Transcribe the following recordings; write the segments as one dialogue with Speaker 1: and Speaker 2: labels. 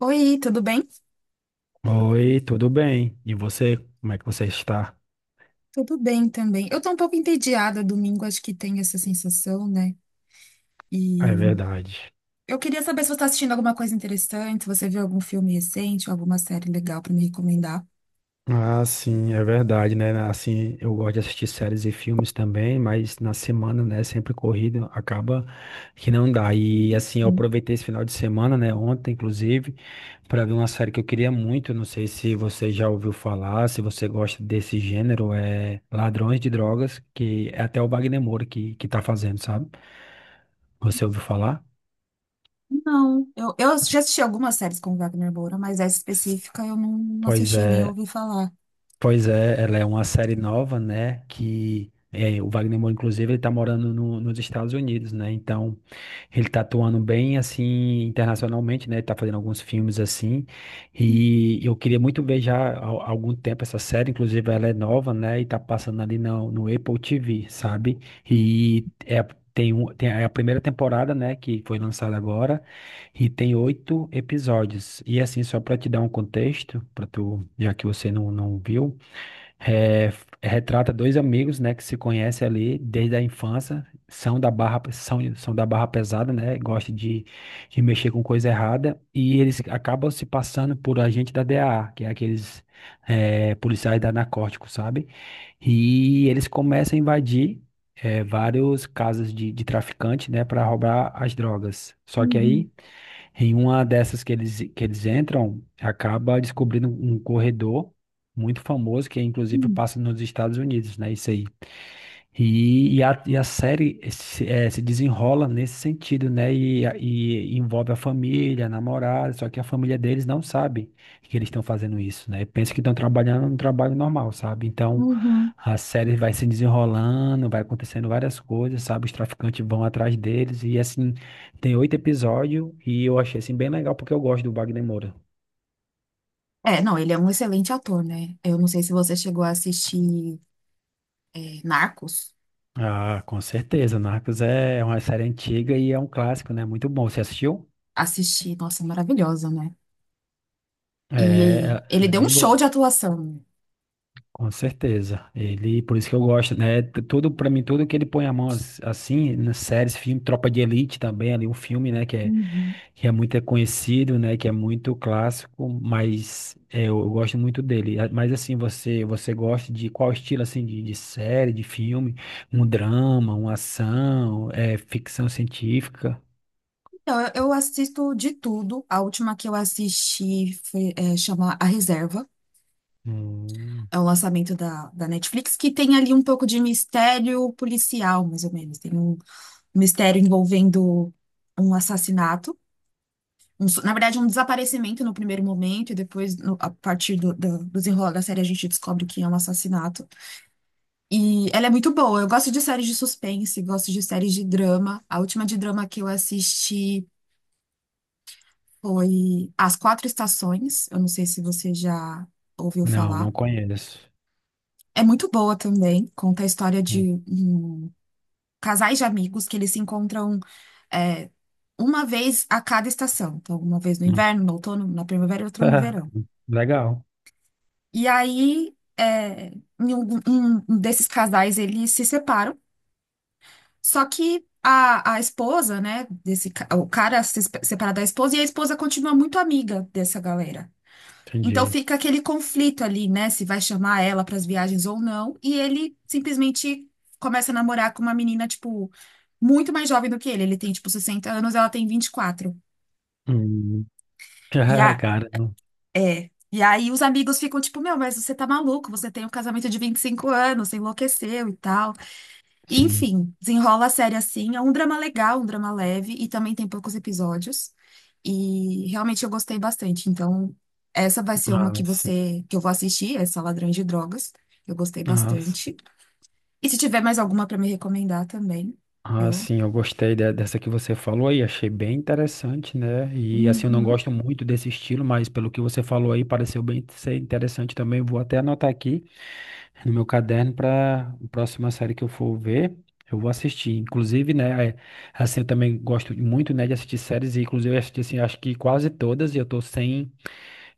Speaker 1: Oi, tudo bem?
Speaker 2: Oi, tudo bem? E você, como é que você está?
Speaker 1: Tudo bem também. Eu tô um pouco entediada domingo, acho que tem essa sensação, né? E
Speaker 2: É verdade.
Speaker 1: eu queria saber se você tá assistindo alguma coisa interessante, se você viu algum filme recente, alguma série legal pra me recomendar.
Speaker 2: Ah, sim, é verdade, né? Assim, eu gosto de assistir séries e filmes também, mas na semana, né, sempre corrido, acaba que não dá. E assim, eu
Speaker 1: Hum.
Speaker 2: aproveitei esse final de semana, né, ontem inclusive, para ver uma série que eu queria muito, não sei se você já ouviu falar, se você gosta desse gênero, é Ladrões de Drogas, que é até o Wagner Moura que tá fazendo, sabe? Você ouviu falar?
Speaker 1: Não, eu já assisti algumas séries com o Wagner Moura, mas essa específica eu não
Speaker 2: Pois
Speaker 1: assisti, nem
Speaker 2: é.
Speaker 1: ouvi falar.
Speaker 2: Pois é, ela é uma série nova, né? Que é, o Wagner Moura, inclusive, ele tá morando nos Estados Unidos, né? Então, ele tá atuando bem, assim, internacionalmente, né? Ele tá fazendo alguns filmes, assim. E eu queria muito ver já há algum tempo essa série, inclusive, ela é nova, né? E tá passando ali no Apple TV, sabe? E é, tem, tem a primeira temporada, né? Que foi lançada agora. E tem 8 episódios. E assim, só para te dar um contexto, para tu, já que você não viu, é, retrata dois amigos, né, que se conhecem ali desde a infância, são da barra, são da barra pesada, né, de mexer com coisa errada, e eles acabam se passando por agente da DEA, que é aqueles policiais da narcótico, sabe? E eles começam a invadir vários casas de traficante, né, para roubar as drogas. Só que
Speaker 1: Uhum.
Speaker 2: aí em uma dessas que eles entram, acaba descobrindo um corredor muito famoso, que inclusive
Speaker 1: Hum.
Speaker 2: passa nos Estados Unidos, né? Isso aí. E a série se, se desenrola nesse sentido, né? E envolve a família, a namorada, só que a família deles não sabe que eles estão fazendo isso, né? Pensa que estão trabalhando um trabalho normal, sabe? Então
Speaker 1: Uhum.
Speaker 2: a série vai se desenrolando, vai acontecendo várias coisas, sabe? Os traficantes vão atrás deles, e assim, tem oito episódios, e eu achei assim bem legal porque eu gosto do Wagner Moura.
Speaker 1: É, não, ele é um excelente ator, né? Eu não sei se você chegou a assistir, Narcos.
Speaker 2: Ah, com certeza. Narcos é uma série antiga e é um clássico, né? Muito bom. Você assistiu?
Speaker 1: Assisti, nossa, maravilhosa, né?
Speaker 2: É,
Speaker 1: E
Speaker 2: ela
Speaker 1: ele
Speaker 2: ela é
Speaker 1: deu um
Speaker 2: bem
Speaker 1: show de
Speaker 2: boa.
Speaker 1: atuação.
Speaker 2: Com certeza. Ele, por isso que eu gosto, né? Tudo para mim, tudo que ele põe a mão assim, nas séries, filme, Tropa de Elite também, ali um filme,
Speaker 1: Uhum.
Speaker 2: que é muito conhecido, né, que é muito clássico, mas é, eu gosto muito dele. Mas assim, você gosta de qual estilo assim de série, de filme? Um drama, uma ação, é ficção científica?
Speaker 1: Então, eu assisto de tudo. A última que eu assisti foi, chama A Reserva.
Speaker 2: Hum,
Speaker 1: É o lançamento da Netflix, que tem ali um pouco de mistério policial, mais ou menos. Tem um mistério envolvendo um assassinato. Na verdade, um desaparecimento no primeiro momento, e depois, a partir do desenrolar da série, a gente descobre que é um assassinato. E ela é muito boa. Eu gosto de séries de suspense, gosto de séries de drama. A última de drama que eu assisti foi As Quatro Estações. Eu não sei se você já ouviu
Speaker 2: não, não
Speaker 1: falar.
Speaker 2: conheço.
Speaker 1: É muito boa também. Conta a história
Speaker 2: Hum,
Speaker 1: de um, casais de amigos que eles se encontram é, uma vez a cada estação. Então, uma vez no
Speaker 2: hum.
Speaker 1: inverno, no outono, na primavera e outra no verão.
Speaker 2: Legal.
Speaker 1: E aí, em um desses casais, eles se separam. Só que a esposa, né, desse, o cara se espe- separa da esposa e a esposa continua muito amiga dessa galera. Então
Speaker 2: Entendi.
Speaker 1: fica aquele conflito ali, né, se vai chamar ela para as viagens ou não, e ele simplesmente começa a namorar com uma menina, tipo, muito mais jovem do que ele. Ele tem, tipo, 60 anos, ela tem 24,
Speaker 2: Hum.
Speaker 1: e
Speaker 2: Cara,
Speaker 1: e aí os amigos ficam tipo, meu, mas você tá maluco, você tem um casamento de 25 anos, você enlouqueceu e tal.
Speaker 2: sim.
Speaker 1: Enfim, desenrola a série assim. É um drama legal, um drama leve, e também tem poucos episódios. E realmente eu gostei bastante. Então, essa vai ser uma
Speaker 2: Ah,
Speaker 1: que
Speaker 2: sim.
Speaker 1: você que eu vou assistir, essa Ladrões de Drogas. Eu gostei
Speaker 2: Ah, sim,
Speaker 1: bastante. E se tiver mais alguma para me recomendar também,
Speaker 2: ah,
Speaker 1: eu.
Speaker 2: sim, eu gostei dessa que você falou aí, achei bem interessante, né? E assim, eu não
Speaker 1: Uhum.
Speaker 2: gosto muito desse estilo, mas pelo que você falou aí, pareceu bem ser interessante também. Vou até anotar aqui no meu caderno para a próxima série que eu for ver, eu vou assistir. Inclusive, assim, eu também gosto muito, né, de assistir séries, e inclusive eu assisti, assim, acho que quase todas, e eu tô sem.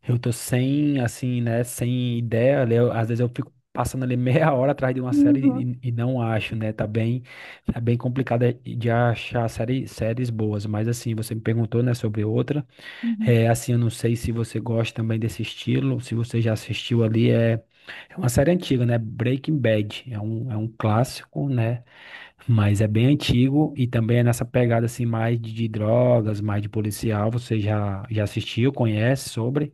Speaker 2: Eu tô sem, assim, né, sem ideia, né, às vezes eu fico passando ali meia hora atrás de uma série
Speaker 1: Uhum.
Speaker 2: e não acho, né, tá bem complicado de achar série, séries boas, mas assim, você me perguntou, né, sobre outra,
Speaker 1: Uhum.
Speaker 2: assim, eu não sei se você gosta também desse estilo, se você já assistiu ali, é uma série antiga, né, Breaking Bad, é um clássico, né, mas é bem antigo e também é nessa pegada, assim, de drogas, mais de policial, já assistiu, conhece sobre?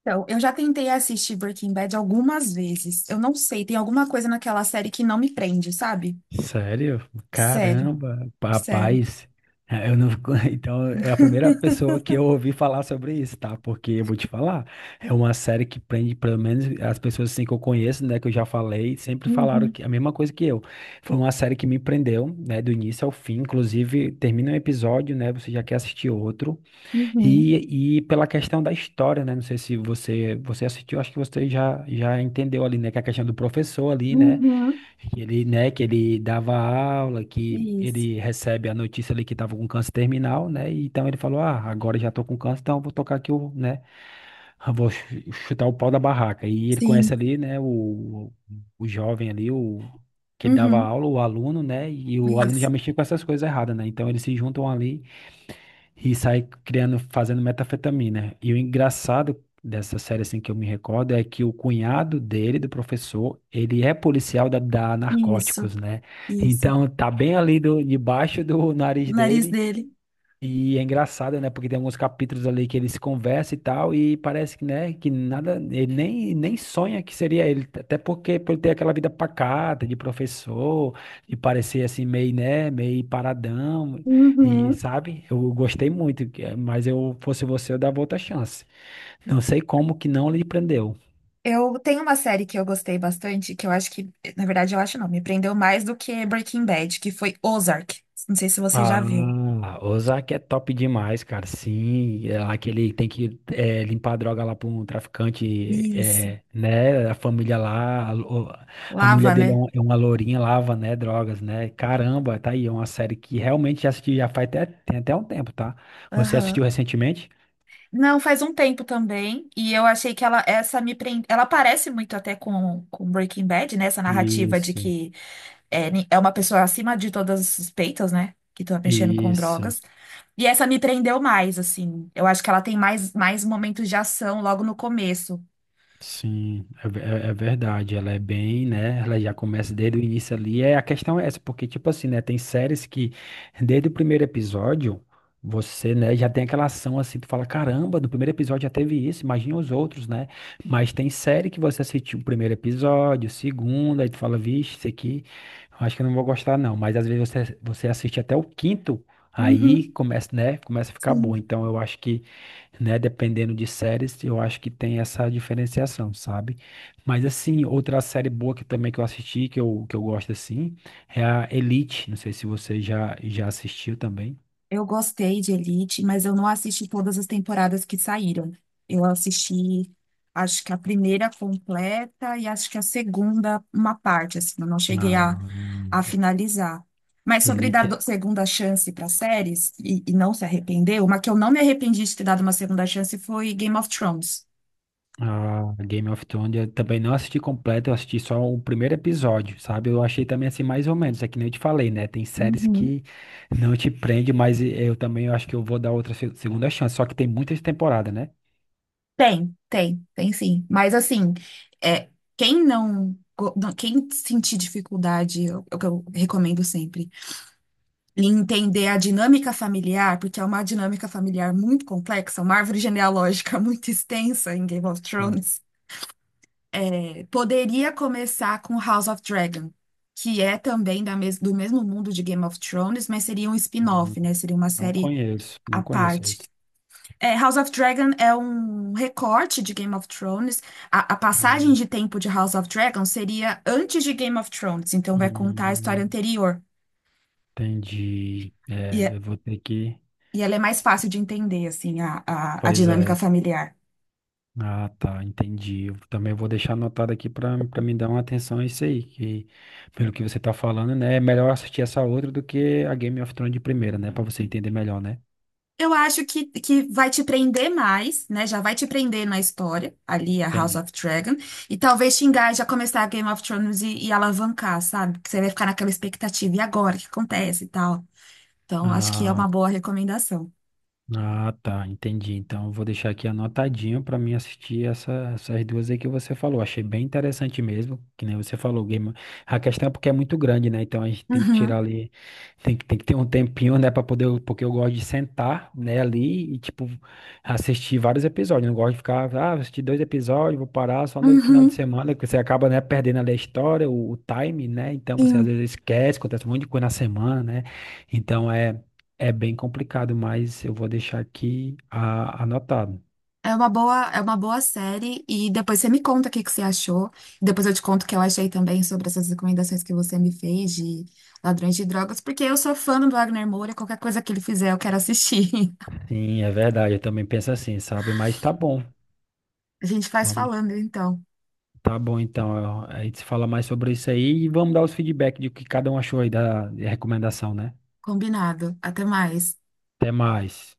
Speaker 1: Então, eu já tentei assistir Breaking Bad algumas vezes. Eu não sei, tem alguma coisa naquela série que não me prende, sabe?
Speaker 2: Sério?
Speaker 1: Sério,
Speaker 2: Caramba,
Speaker 1: sério.
Speaker 2: rapaz. É, eu não, então, é a primeira pessoa que eu ouvi falar sobre isso, tá? Porque eu vou te falar, é uma série que prende, pelo menos as pessoas assim que eu conheço, né, que eu já falei, sempre falaram
Speaker 1: Uhum.
Speaker 2: que, a mesma coisa que eu. Foi uma série que me prendeu, né, do início ao fim. Inclusive, termina um episódio, né, você já quer assistir outro.
Speaker 1: Uhum.
Speaker 2: E pela questão da história, né, não sei se você, você assistiu, acho que você já, já entendeu ali, né, que é a questão do professor ali,
Speaker 1: Uhum.
Speaker 2: né, que ele dava aula, que
Speaker 1: Isso.
Speaker 2: ele recebe a notícia ali que estava com câncer terminal, né? E então ele falou: "Ah, agora já tô com câncer, então eu vou tocar aqui o, né, eu vou chutar o pau da barraca". E ele conhece
Speaker 1: Sim.
Speaker 2: ali, né, o jovem ali, o que dava
Speaker 1: Uhum.
Speaker 2: aula, o aluno, né? E o aluno já
Speaker 1: Isso.
Speaker 2: mexia com essas coisas erradas, né? Então eles se juntam ali e sai criando, fazendo metafetamina. E o engraçado dessa série, assim, que eu me recordo é que o cunhado dele, do professor, ele é policial da
Speaker 1: Isso.
Speaker 2: Narcóticos, né?
Speaker 1: Isso.
Speaker 2: Então tá bem ali do, debaixo do
Speaker 1: O
Speaker 2: nariz
Speaker 1: nariz
Speaker 2: dele
Speaker 1: dele.
Speaker 2: e é engraçado, né? Porque tem alguns capítulos ali que eles conversam e tal, e parece que, né, que nada, ele nem, nem sonha que seria ele, até porque por ele ter aquela vida pacata de professor, e parecer assim meio, né, meio paradão, e
Speaker 1: Uhum.
Speaker 2: sabe? Eu gostei muito, mas eu fosse você, eu dava outra chance. Não sei como que não lhe prendeu.
Speaker 1: Eu tenho uma série que eu gostei bastante, que eu acho que, na verdade, eu acho não, me prendeu mais do que Breaking Bad, que foi Ozark. Não sei se você já viu.
Speaker 2: Ah, Ozark é top demais, cara. Sim, é lá que ele tem que é, limpar a droga lá para um traficante,
Speaker 1: Isso.
Speaker 2: é, né? A família lá, a, a mulher
Speaker 1: Lava,
Speaker 2: dele é,
Speaker 1: né?
Speaker 2: é uma lourinha, lava, né? Drogas, né? Caramba, tá aí. É uma série que realmente já assisti, já faz até, tem até um tempo, tá? Você assistiu
Speaker 1: Aham.
Speaker 2: recentemente?
Speaker 1: Não, faz um tempo também, e eu achei que ela essa me prende, ela parece muito até com Breaking Bad, né? Essa narrativa de
Speaker 2: Isso,
Speaker 1: que é uma pessoa acima de todas as suspeitas, né? Que tá mexendo com
Speaker 2: isso.
Speaker 1: drogas. E essa me prendeu mais, assim. Eu acho que ela tem mais, mais momentos de ação logo no começo.
Speaker 2: Sim, é, é verdade. Ela é bem, né? Ela já começa desde o início ali. É, a questão é essa, porque, tipo assim, né? Tem séries que, desde o primeiro episódio, você, né, já tem aquela ação assim, tu fala, caramba, do primeiro episódio já teve isso, imagina os outros, né? Mas tem série que você assistiu o primeiro episódio, o segundo, aí tu fala, vixe, isso aqui, eu acho que eu não vou gostar, não. Mas às vezes você, você assiste até o quinto, aí
Speaker 1: Uhum,
Speaker 2: começa, né? Começa a ficar
Speaker 1: sim.
Speaker 2: bom. Então eu acho que né? Dependendo de séries, eu acho que tem essa diferenciação, sabe? Mas assim, outra série boa que também que eu assisti, que eu gosto assim, é a Elite. Não sei se você já, já assistiu também.
Speaker 1: Eu gostei de Elite, mas eu não assisti todas as temporadas que saíram. Eu assisti, acho que a primeira completa e acho que a segunda, uma parte, assim, eu não cheguei
Speaker 2: Ah,
Speaker 1: a finalizar. Mas sobre dar
Speaker 2: Elite,
Speaker 1: segunda chance para séries e não se arrepender, uma que eu não me arrependi de ter dado uma segunda chance foi Game of Thrones.
Speaker 2: ah, Game of Thrones, eu também não assisti completo, eu assisti só o primeiro episódio, sabe? Eu achei também assim, mais ou menos, é que nem eu te falei, né? Tem séries
Speaker 1: Uhum.
Speaker 2: que não te prende, mas eu também eu acho que eu vou dar outra segunda chance, só que tem muitas temporadas, né?
Speaker 1: Tem sim. Mas assim, é, quem quem sentir dificuldade, eu recomendo sempre. E entender a dinâmica familiar, porque é uma dinâmica familiar muito complexa, uma árvore genealógica muito extensa em Game of Thrones. Poderia começar com House of Dragon, que é também da mes do mesmo mundo de Game of Thrones, mas seria um
Speaker 2: Hum,
Speaker 1: spin-off, né? Seria uma
Speaker 2: não
Speaker 1: série
Speaker 2: conheço,
Speaker 1: à
Speaker 2: não conheço
Speaker 1: parte.
Speaker 2: esse.
Speaker 1: House of Dragon é um recorte de Game of Thrones. A passagem
Speaker 2: Hum,
Speaker 1: de tempo de House of Dragon seria antes de Game of Thrones, então vai contar a história
Speaker 2: hum,
Speaker 1: anterior.
Speaker 2: entendi.
Speaker 1: E
Speaker 2: É,
Speaker 1: é,
Speaker 2: eu vou ter que.
Speaker 1: E ela é mais fácil de entender, assim, a
Speaker 2: Pois
Speaker 1: dinâmica
Speaker 2: é.
Speaker 1: familiar.
Speaker 2: Ah, tá, entendi. Eu também vou deixar anotado aqui para me dar uma atenção a isso aí, que pelo que você tá falando, né, é melhor assistir essa outra do que a Game of Thrones de primeira, né, para você entender melhor, né?
Speaker 1: Eu acho que vai te prender mais, né? Já vai te prender na história, ali a House
Speaker 2: Entendi.
Speaker 1: of Dragon. E talvez te engaje a começar a Game of Thrones e alavancar, sabe? Que você vai ficar naquela expectativa. E agora? O que acontece e tal? Então, acho que é
Speaker 2: Ah,
Speaker 1: uma boa recomendação.
Speaker 2: ah, tá, entendi. Então, eu vou deixar aqui anotadinho para mim assistir essas duas aí que você falou. Achei bem interessante mesmo, que nem você falou, game. A questão é porque é muito grande, né? Então a gente tem que
Speaker 1: Uhum,
Speaker 2: tirar ali, tem que ter um tempinho, né, para poder, porque eu gosto de sentar, né, ali e tipo assistir vários episódios. Não gosto de ficar, ah, vou assistir dois episódios, vou parar só no final de
Speaker 1: uhum,
Speaker 2: semana, que você acaba, né, perdendo ali a história, o time, né? Então você às
Speaker 1: sim.
Speaker 2: vezes esquece, acontece um monte de coisa na semana, né? Então é, é bem complicado, mas eu vou deixar aqui anotado.
Speaker 1: É uma boa série e depois você me conta o que que você achou. Depois eu te conto o que eu achei também sobre essas recomendações que você me fez de Ladrões de Drogas, porque eu sou fã do Wagner Moura, qualquer coisa que ele fizer eu quero assistir.
Speaker 2: Sim, é verdade, eu também penso assim, sabe? Mas tá bom,
Speaker 1: A gente faz
Speaker 2: vamos.
Speaker 1: falando então.
Speaker 2: Tá bom, então. A gente se fala mais sobre isso aí e vamos dar os feedback de o que cada um achou aí da recomendação, né?
Speaker 1: Combinado. Até mais.
Speaker 2: Até mais.